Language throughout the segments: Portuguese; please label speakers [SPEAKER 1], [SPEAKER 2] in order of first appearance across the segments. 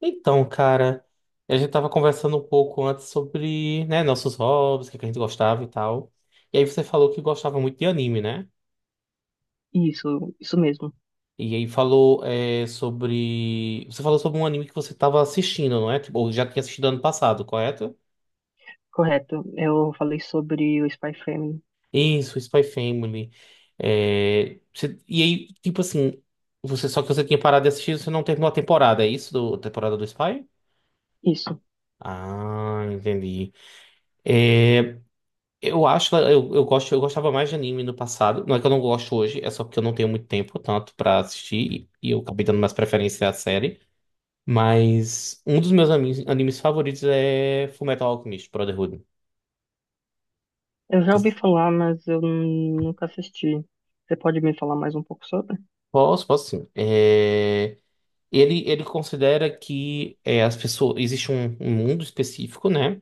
[SPEAKER 1] Então, cara, a gente tava conversando um pouco antes sobre, né, nossos hobbies, o que é que a gente gostava e tal. E aí você falou que gostava muito de anime, né?
[SPEAKER 2] Isso mesmo,
[SPEAKER 1] E aí falou sobre. Você falou sobre um anime que você tava assistindo, não é? Tipo, ou já tinha assistido ano passado, correto?
[SPEAKER 2] correto. Eu falei sobre o Spy Family.
[SPEAKER 1] Isso, Spy Family. É, E aí, tipo assim, você só que você tinha parado de assistir, você não terminou a temporada, é isso? Do... A temporada do Spy?
[SPEAKER 2] Isso.
[SPEAKER 1] Ah, entendi. Eh, Eu acho que eu gosto, eu gostava mais de anime no passado. Não é que eu não gosto hoje, é só porque eu não tenho muito tempo tanto pra assistir e eu acabei dando mais preferência à série. Mas um dos meus animes favoritos é Fullmetal Alchemist Brotherhood.
[SPEAKER 2] Eu já ouvi falar, mas nunca assisti. Você pode me falar mais um pouco sobre?
[SPEAKER 1] Posso, posso sim. É, ele considera que as pessoas existe um mundo específico, né?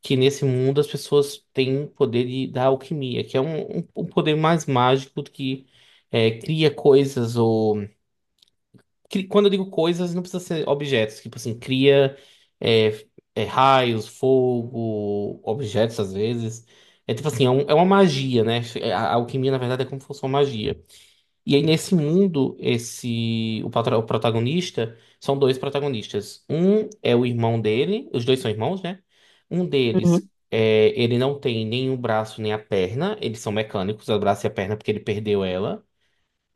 [SPEAKER 1] Que nesse mundo as pessoas têm o poder de, da alquimia, que é um poder mais mágico do que cria coisas ou quando eu digo coisas, não precisa ser objetos. Tipo assim, cria é, raios, fogo, objetos às vezes. É tipo assim, é, é uma magia, né? É, a alquimia, na verdade, é como se fosse uma magia. E aí, nesse mundo, o protagonista são dois protagonistas. Um é o irmão dele, os dois são irmãos, né? Um deles,
[SPEAKER 2] Uhum,
[SPEAKER 1] é, ele não tem nem o braço nem a perna, eles são mecânicos, o braço e a perna, porque ele perdeu ela.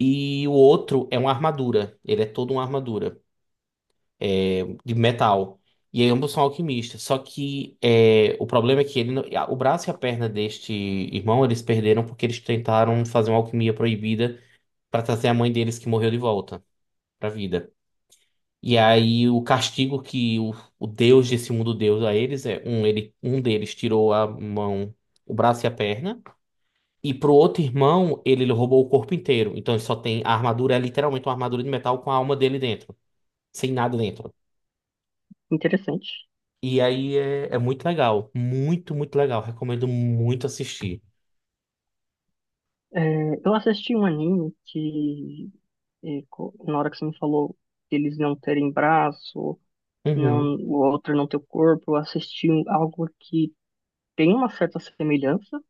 [SPEAKER 1] E o outro é uma armadura. Ele é todo uma armadura de metal. E aí ambos são alquimistas. Só que é, o problema é que ele, não- o braço e a perna deste irmão eles perderam porque eles tentaram fazer uma alquimia proibida para trazer a mãe deles que morreu de volta para vida. E aí o castigo que o Deus desse mundo deu a eles é um ele um deles tirou a mão, o braço e a perna, e pro outro irmão ele roubou o corpo inteiro. Então ele só tem a armadura é literalmente uma armadura de metal com a alma dele dentro, sem nada dentro.
[SPEAKER 2] interessante.
[SPEAKER 1] E aí é muito legal. Muito, muito legal. Recomendo muito assistir.
[SPEAKER 2] É, eu assisti um anime que, na hora que você me falou deles não terem braço,
[SPEAKER 1] Uhum.
[SPEAKER 2] não, o outro não ter o corpo, algo que tem uma certa semelhança,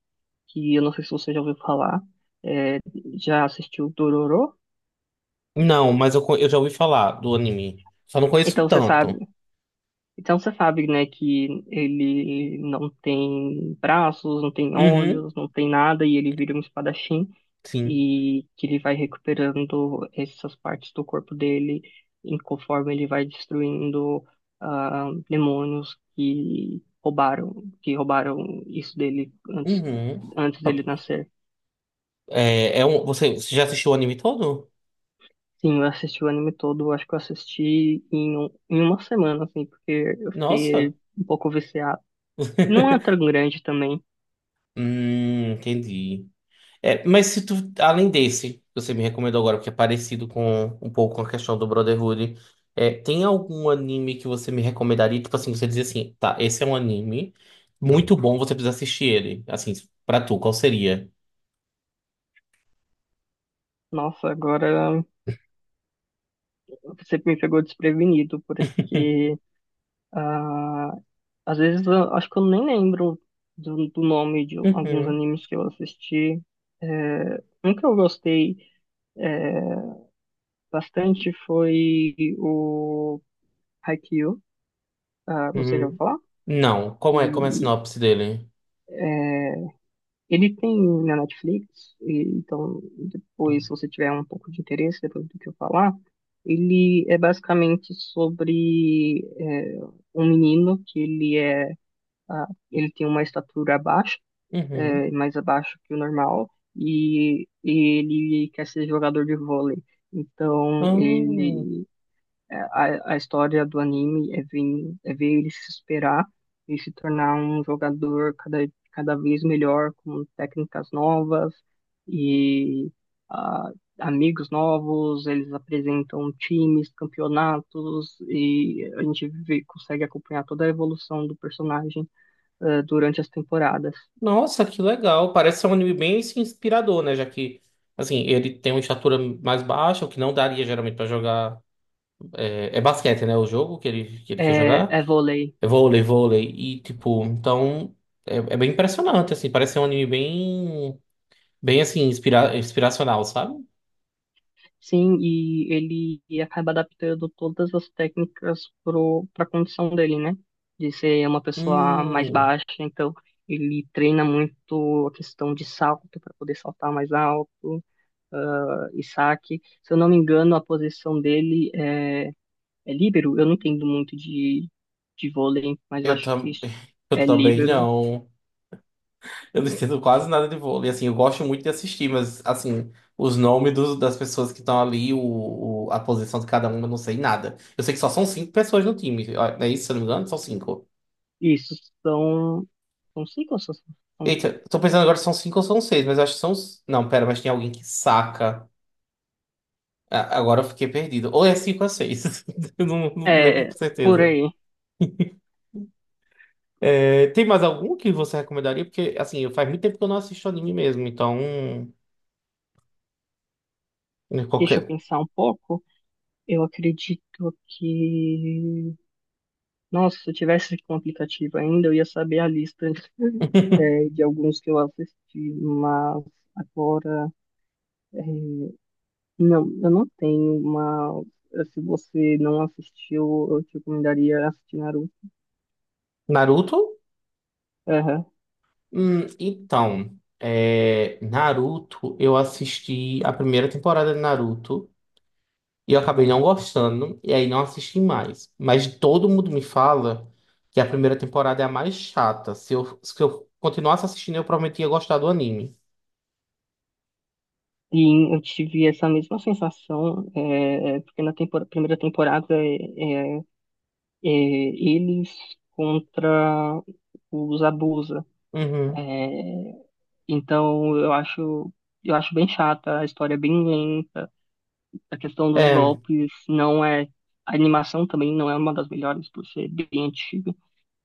[SPEAKER 2] que eu não sei se você já ouviu falar. É, Já assistiu Dororo?
[SPEAKER 1] Não, mas eu já ouvi falar do anime. Só não conheço
[SPEAKER 2] Então você
[SPEAKER 1] tanto.
[SPEAKER 2] sabe. Então você sabe, né, que ele não tem braços, não tem
[SPEAKER 1] Uhum,
[SPEAKER 2] olhos, não tem nada, e ele vira um espadachim,
[SPEAKER 1] sim.
[SPEAKER 2] e que ele vai recuperando essas partes do corpo dele em conforme ele vai destruindo demônios que roubaram isso dele antes,
[SPEAKER 1] Uhum.
[SPEAKER 2] antes dele nascer.
[SPEAKER 1] É, é um, você já assistiu o anime todo?
[SPEAKER 2] Sim, eu assisti o anime todo, eu acho que eu assisti em, um- em uma semana, assim, porque eu fiquei
[SPEAKER 1] Nossa.
[SPEAKER 2] um pouco viciado. Não é tão grande também.
[SPEAKER 1] Entendi. É, mas se tu, além desse, que você me recomendou agora, porque é parecido com um pouco com a questão do Brotherhood, é, tem algum anime que você me recomendaria? Tipo assim, você diz assim, tá, esse é um anime muito bom, você precisa assistir ele. Assim, pra tu, qual seria?
[SPEAKER 2] Nossa, agora você me pegou desprevenido, porque ah, às vezes eu acho que eu nem lembro do nome de alguns
[SPEAKER 1] Uhum,
[SPEAKER 2] animes que eu assisti. É, um que eu gostei é, bastante foi o Haikyuu. Ah, você já ouviu
[SPEAKER 1] uhum.
[SPEAKER 2] falar?
[SPEAKER 1] Não, como é a
[SPEAKER 2] E
[SPEAKER 1] sinopse dele?
[SPEAKER 2] Ele tem na Netflix, então depois, se você tiver um pouco de interesse, depois do que eu falar, ele é basicamente sobre um menino que ele tem uma estatura baixa,
[SPEAKER 1] Uhum.
[SPEAKER 2] é, mais abaixo que o normal, e ele quer ser jogador de vôlei. Então
[SPEAKER 1] Ah,
[SPEAKER 2] ele é, A, a história do anime é ver ele se superar e se tornar um jogador cada vez melhor, com técnicas novas e ah, amigos novos. Eles apresentam times, campeonatos e a gente consegue acompanhar toda a evolução do personagem durante as temporadas.
[SPEAKER 1] nossa, que legal. Parece ser um anime bem assim, inspirador, né? Já que, assim, ele tem uma estatura mais baixa, o que não daria geralmente pra jogar. É, é basquete, né? O jogo que ele quer
[SPEAKER 2] É,
[SPEAKER 1] jogar.
[SPEAKER 2] é vôlei.
[SPEAKER 1] É vôlei, vôlei. E, tipo, então. É, é bem impressionante, assim. Parece ser um anime bem. Bem, assim, inspiracional, sabe?
[SPEAKER 2] Sim, e ele acaba adaptando todas as técnicas pro para a condição dele, né? De ser uma pessoa mais
[SPEAKER 1] Hum.
[SPEAKER 2] baixa, então ele treina muito a questão de salto para poder saltar mais alto, e saque. Se eu não me engano, a posição dele é líbero. Eu não entendo muito de vôlei, mas eu
[SPEAKER 1] Eu,
[SPEAKER 2] acho que
[SPEAKER 1] tam...
[SPEAKER 2] isso
[SPEAKER 1] eu
[SPEAKER 2] é
[SPEAKER 1] também
[SPEAKER 2] líbero.
[SPEAKER 1] não. Eu não entendo quase nada de vôlei. Assim, eu gosto muito de assistir, mas assim, das pessoas que estão ali, a posição de cada uma, eu não sei nada. Eu sei que só são cinco pessoas no time. Ó, não é isso, se eu não me engano? São cinco.
[SPEAKER 2] Isso são, não sei quais são,
[SPEAKER 1] Eita, tô pensando agora se são cinco ou são seis, mas eu acho que são. Não, pera, mas tem alguém que saca. Agora eu fiquei perdido. Ou é cinco ou é seis. Eu não, não lembro
[SPEAKER 2] é,
[SPEAKER 1] com
[SPEAKER 2] por
[SPEAKER 1] certeza.
[SPEAKER 2] aí.
[SPEAKER 1] É, tem mais algum que você recomendaria? Porque, assim, faz muito tempo que eu não assisto anime mesmo, então.
[SPEAKER 2] Deixa eu
[SPEAKER 1] Qualquer.
[SPEAKER 2] pensar um pouco. Eu acredito que. Nossa, se eu tivesse com o aplicativo ainda, eu ia saber a lista, de alguns que eu assisti, mas agora. eh, Não, eu não tenho, mas se você não assistiu, eu te recomendaria assistir Naruto.
[SPEAKER 1] Naruto?
[SPEAKER 2] Aham.
[SPEAKER 1] Então, é, Naruto, eu assisti a primeira temporada de Naruto e eu acabei não gostando, e aí não assisti mais. Mas todo mundo me fala que a primeira temporada é a mais chata. Se eu continuasse assistindo, eu provavelmente ia gostar do anime.
[SPEAKER 2] E eu tive essa mesma sensação, porque primeira temporada eles contra os Abusa.
[SPEAKER 1] Uhum.
[SPEAKER 2] eh, Então eu acho eu acho bem chata, a história é bem lenta, a questão dos
[SPEAKER 1] É.
[SPEAKER 2] golpes não é a animação também não é uma das melhores por ser bem antiga.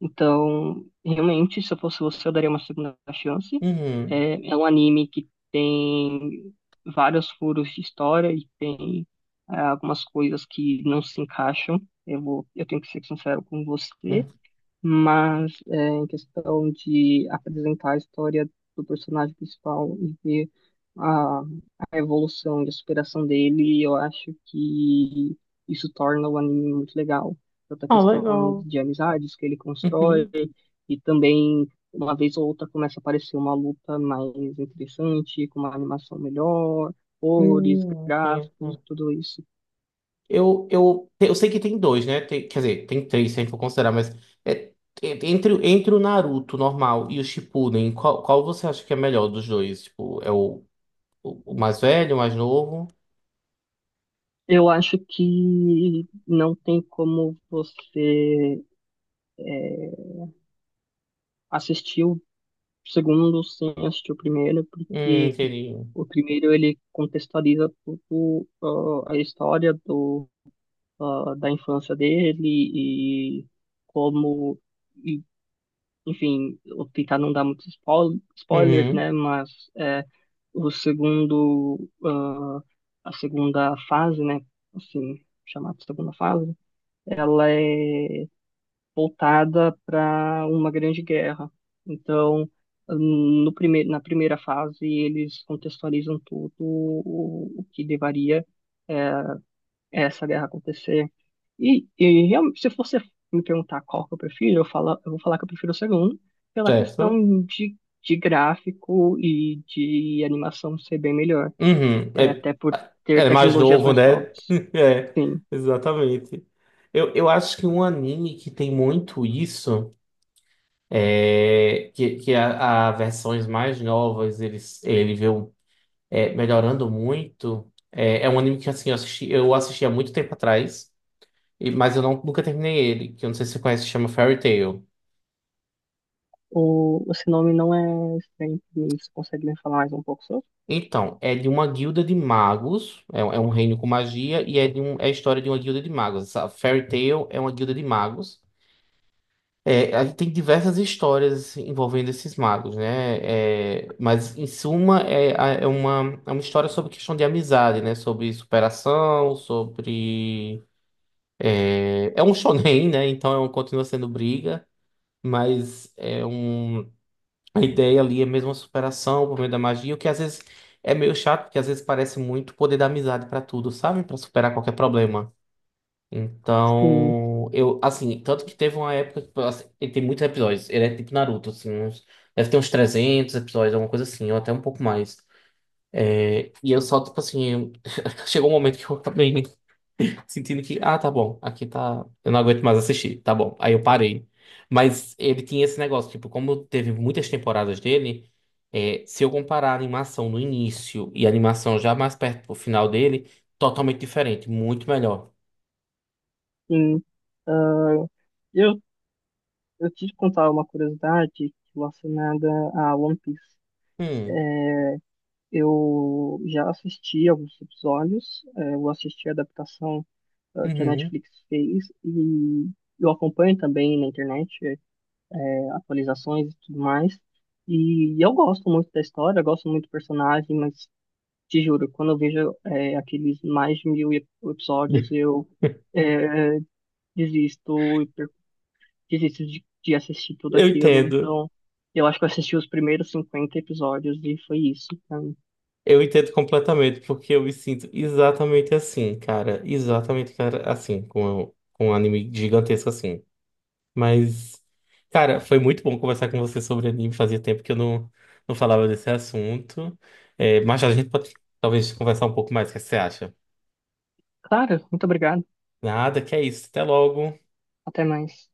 [SPEAKER 2] Então, realmente, se eu fosse você, eu daria uma segunda chance.
[SPEAKER 1] Uhum.
[SPEAKER 2] É, é um anime que tem vários furos de história e tem é, algumas coisas que não se encaixam. Eu tenho que ser sincero com você.
[SPEAKER 1] Uhum.
[SPEAKER 2] Mas é, em questão de apresentar a história do personagem principal e ver a, a evolução e a superação dele, eu acho que isso torna o anime muito legal. Tanto a
[SPEAKER 1] Ah,
[SPEAKER 2] questão
[SPEAKER 1] legal.
[SPEAKER 2] de amizades que ele constrói
[SPEAKER 1] Uhum.
[SPEAKER 2] e também, uma vez ou outra, começa a aparecer uma luta mais interessante, com uma animação melhor, cores,
[SPEAKER 1] Uhum.
[SPEAKER 2] gráficos, tudo isso.
[SPEAKER 1] Eu sei que tem dois, né? Quer dizer, tem três, se a gente for considerar, mas é, entre, entre o Naruto normal e o Shippuden, qual você acha que é melhor dos dois? Tipo, é o mais velho, o mais novo?
[SPEAKER 2] Eu acho que não tem como você é, assisti o segundo sem assistir o primeiro, porque
[SPEAKER 1] Entendi.
[SPEAKER 2] o primeiro ele contextualiza tudo, a história da infância dele e como, e enfim, vou tentar não dar muitos spoilers,
[SPEAKER 1] Uhum,
[SPEAKER 2] né? Mas é, o segundo, a segunda fase, né? Assim, chamada segunda fase, ela é voltada para uma grande guerra. Então, no primeiro, na primeira fase, eles contextualizam tudo o que levaria essa guerra a acontecer. E realmente, se você me perguntar qual que eu prefiro, eu vou falar que eu prefiro o segundo, pela
[SPEAKER 1] certo.
[SPEAKER 2] questão de gráfico e de animação ser bem melhor,
[SPEAKER 1] Uhum,
[SPEAKER 2] é,
[SPEAKER 1] é,
[SPEAKER 2] até por ter
[SPEAKER 1] é é mais
[SPEAKER 2] tecnologias
[SPEAKER 1] novo,
[SPEAKER 2] mais
[SPEAKER 1] né?
[SPEAKER 2] novas.
[SPEAKER 1] É,
[SPEAKER 2] Sim,
[SPEAKER 1] exatamente. Eu acho que um anime que tem muito isso é que a versões mais novas ele vê um melhorando muito. É, é um anime que assim, eu assisti há muito tempo atrás, mas eu não, nunca terminei ele, que eu não sei se você conhece, chama Fairy Tail.
[SPEAKER 2] o seu nome não é estranho, pra mim. Você consegue me falar mais um pouco sobre?
[SPEAKER 1] Então, é de uma guilda de magos, é um reino com magia, e é, de um, é a história de uma guilda de magos. Essa Fairy Tail é uma guilda de magos. É, aí tem diversas histórias assim, envolvendo esses magos, né? É, mas, em suma, é uma história sobre questão de amizade, né? Sobre superação, sobre. É um shonen, né? Então é continua sendo briga, mas a ideia ali é mesmo a superação por meio da magia, o que às vezes é meio chato, porque às vezes parece muito poder da amizade pra tudo, sabe? Pra superar qualquer problema.
[SPEAKER 2] Sim,
[SPEAKER 1] Então, eu assim, tanto que teve uma época que assim, ele tem muitos episódios, ele é tipo Naruto, assim, deve ter uns 300 episódios, alguma coisa assim, ou até um pouco mais. E eu só tipo assim, chegou um momento que eu acabei sentindo que, ah, tá bom, aqui tá. Eu não aguento mais assistir, tá bom. Aí eu parei. Mas ele tinha esse negócio, tipo, como teve muitas temporadas dele, é, se eu comparar a animação no início e a animação já mais perto pro final dele, totalmente diferente, muito melhor.
[SPEAKER 2] sim. Ah, eu, eu te contar uma curiosidade relacionada a One Piece.
[SPEAKER 1] Hum,
[SPEAKER 2] Eu já assisti alguns episódios, eu assisti a adaptação, que a
[SPEAKER 1] uhum.
[SPEAKER 2] Netflix fez e eu acompanho também na internet, atualizações e tudo mais. E eu gosto muito da história, eu gosto muito do personagem, mas te juro, quando eu vejo, aqueles mais de mil episódios, eu é, desisto desisto de assistir tudo
[SPEAKER 1] Eu
[SPEAKER 2] aquilo.
[SPEAKER 1] entendo.
[SPEAKER 2] Então, eu acho que eu assisti os primeiros 50 episódios e foi isso pra mim.
[SPEAKER 1] Eu entendo completamente, porque eu me sinto exatamente assim, cara. Exatamente, cara, assim, com um anime gigantesco assim. Mas, cara, foi muito bom conversar com você sobre anime. Fazia tempo que eu não falava desse assunto. É, mas a gente pode talvez conversar um pouco mais. O que você acha?
[SPEAKER 2] Claro, muito obrigado.
[SPEAKER 1] Nada, que é isso. Até logo.
[SPEAKER 2] Até mais.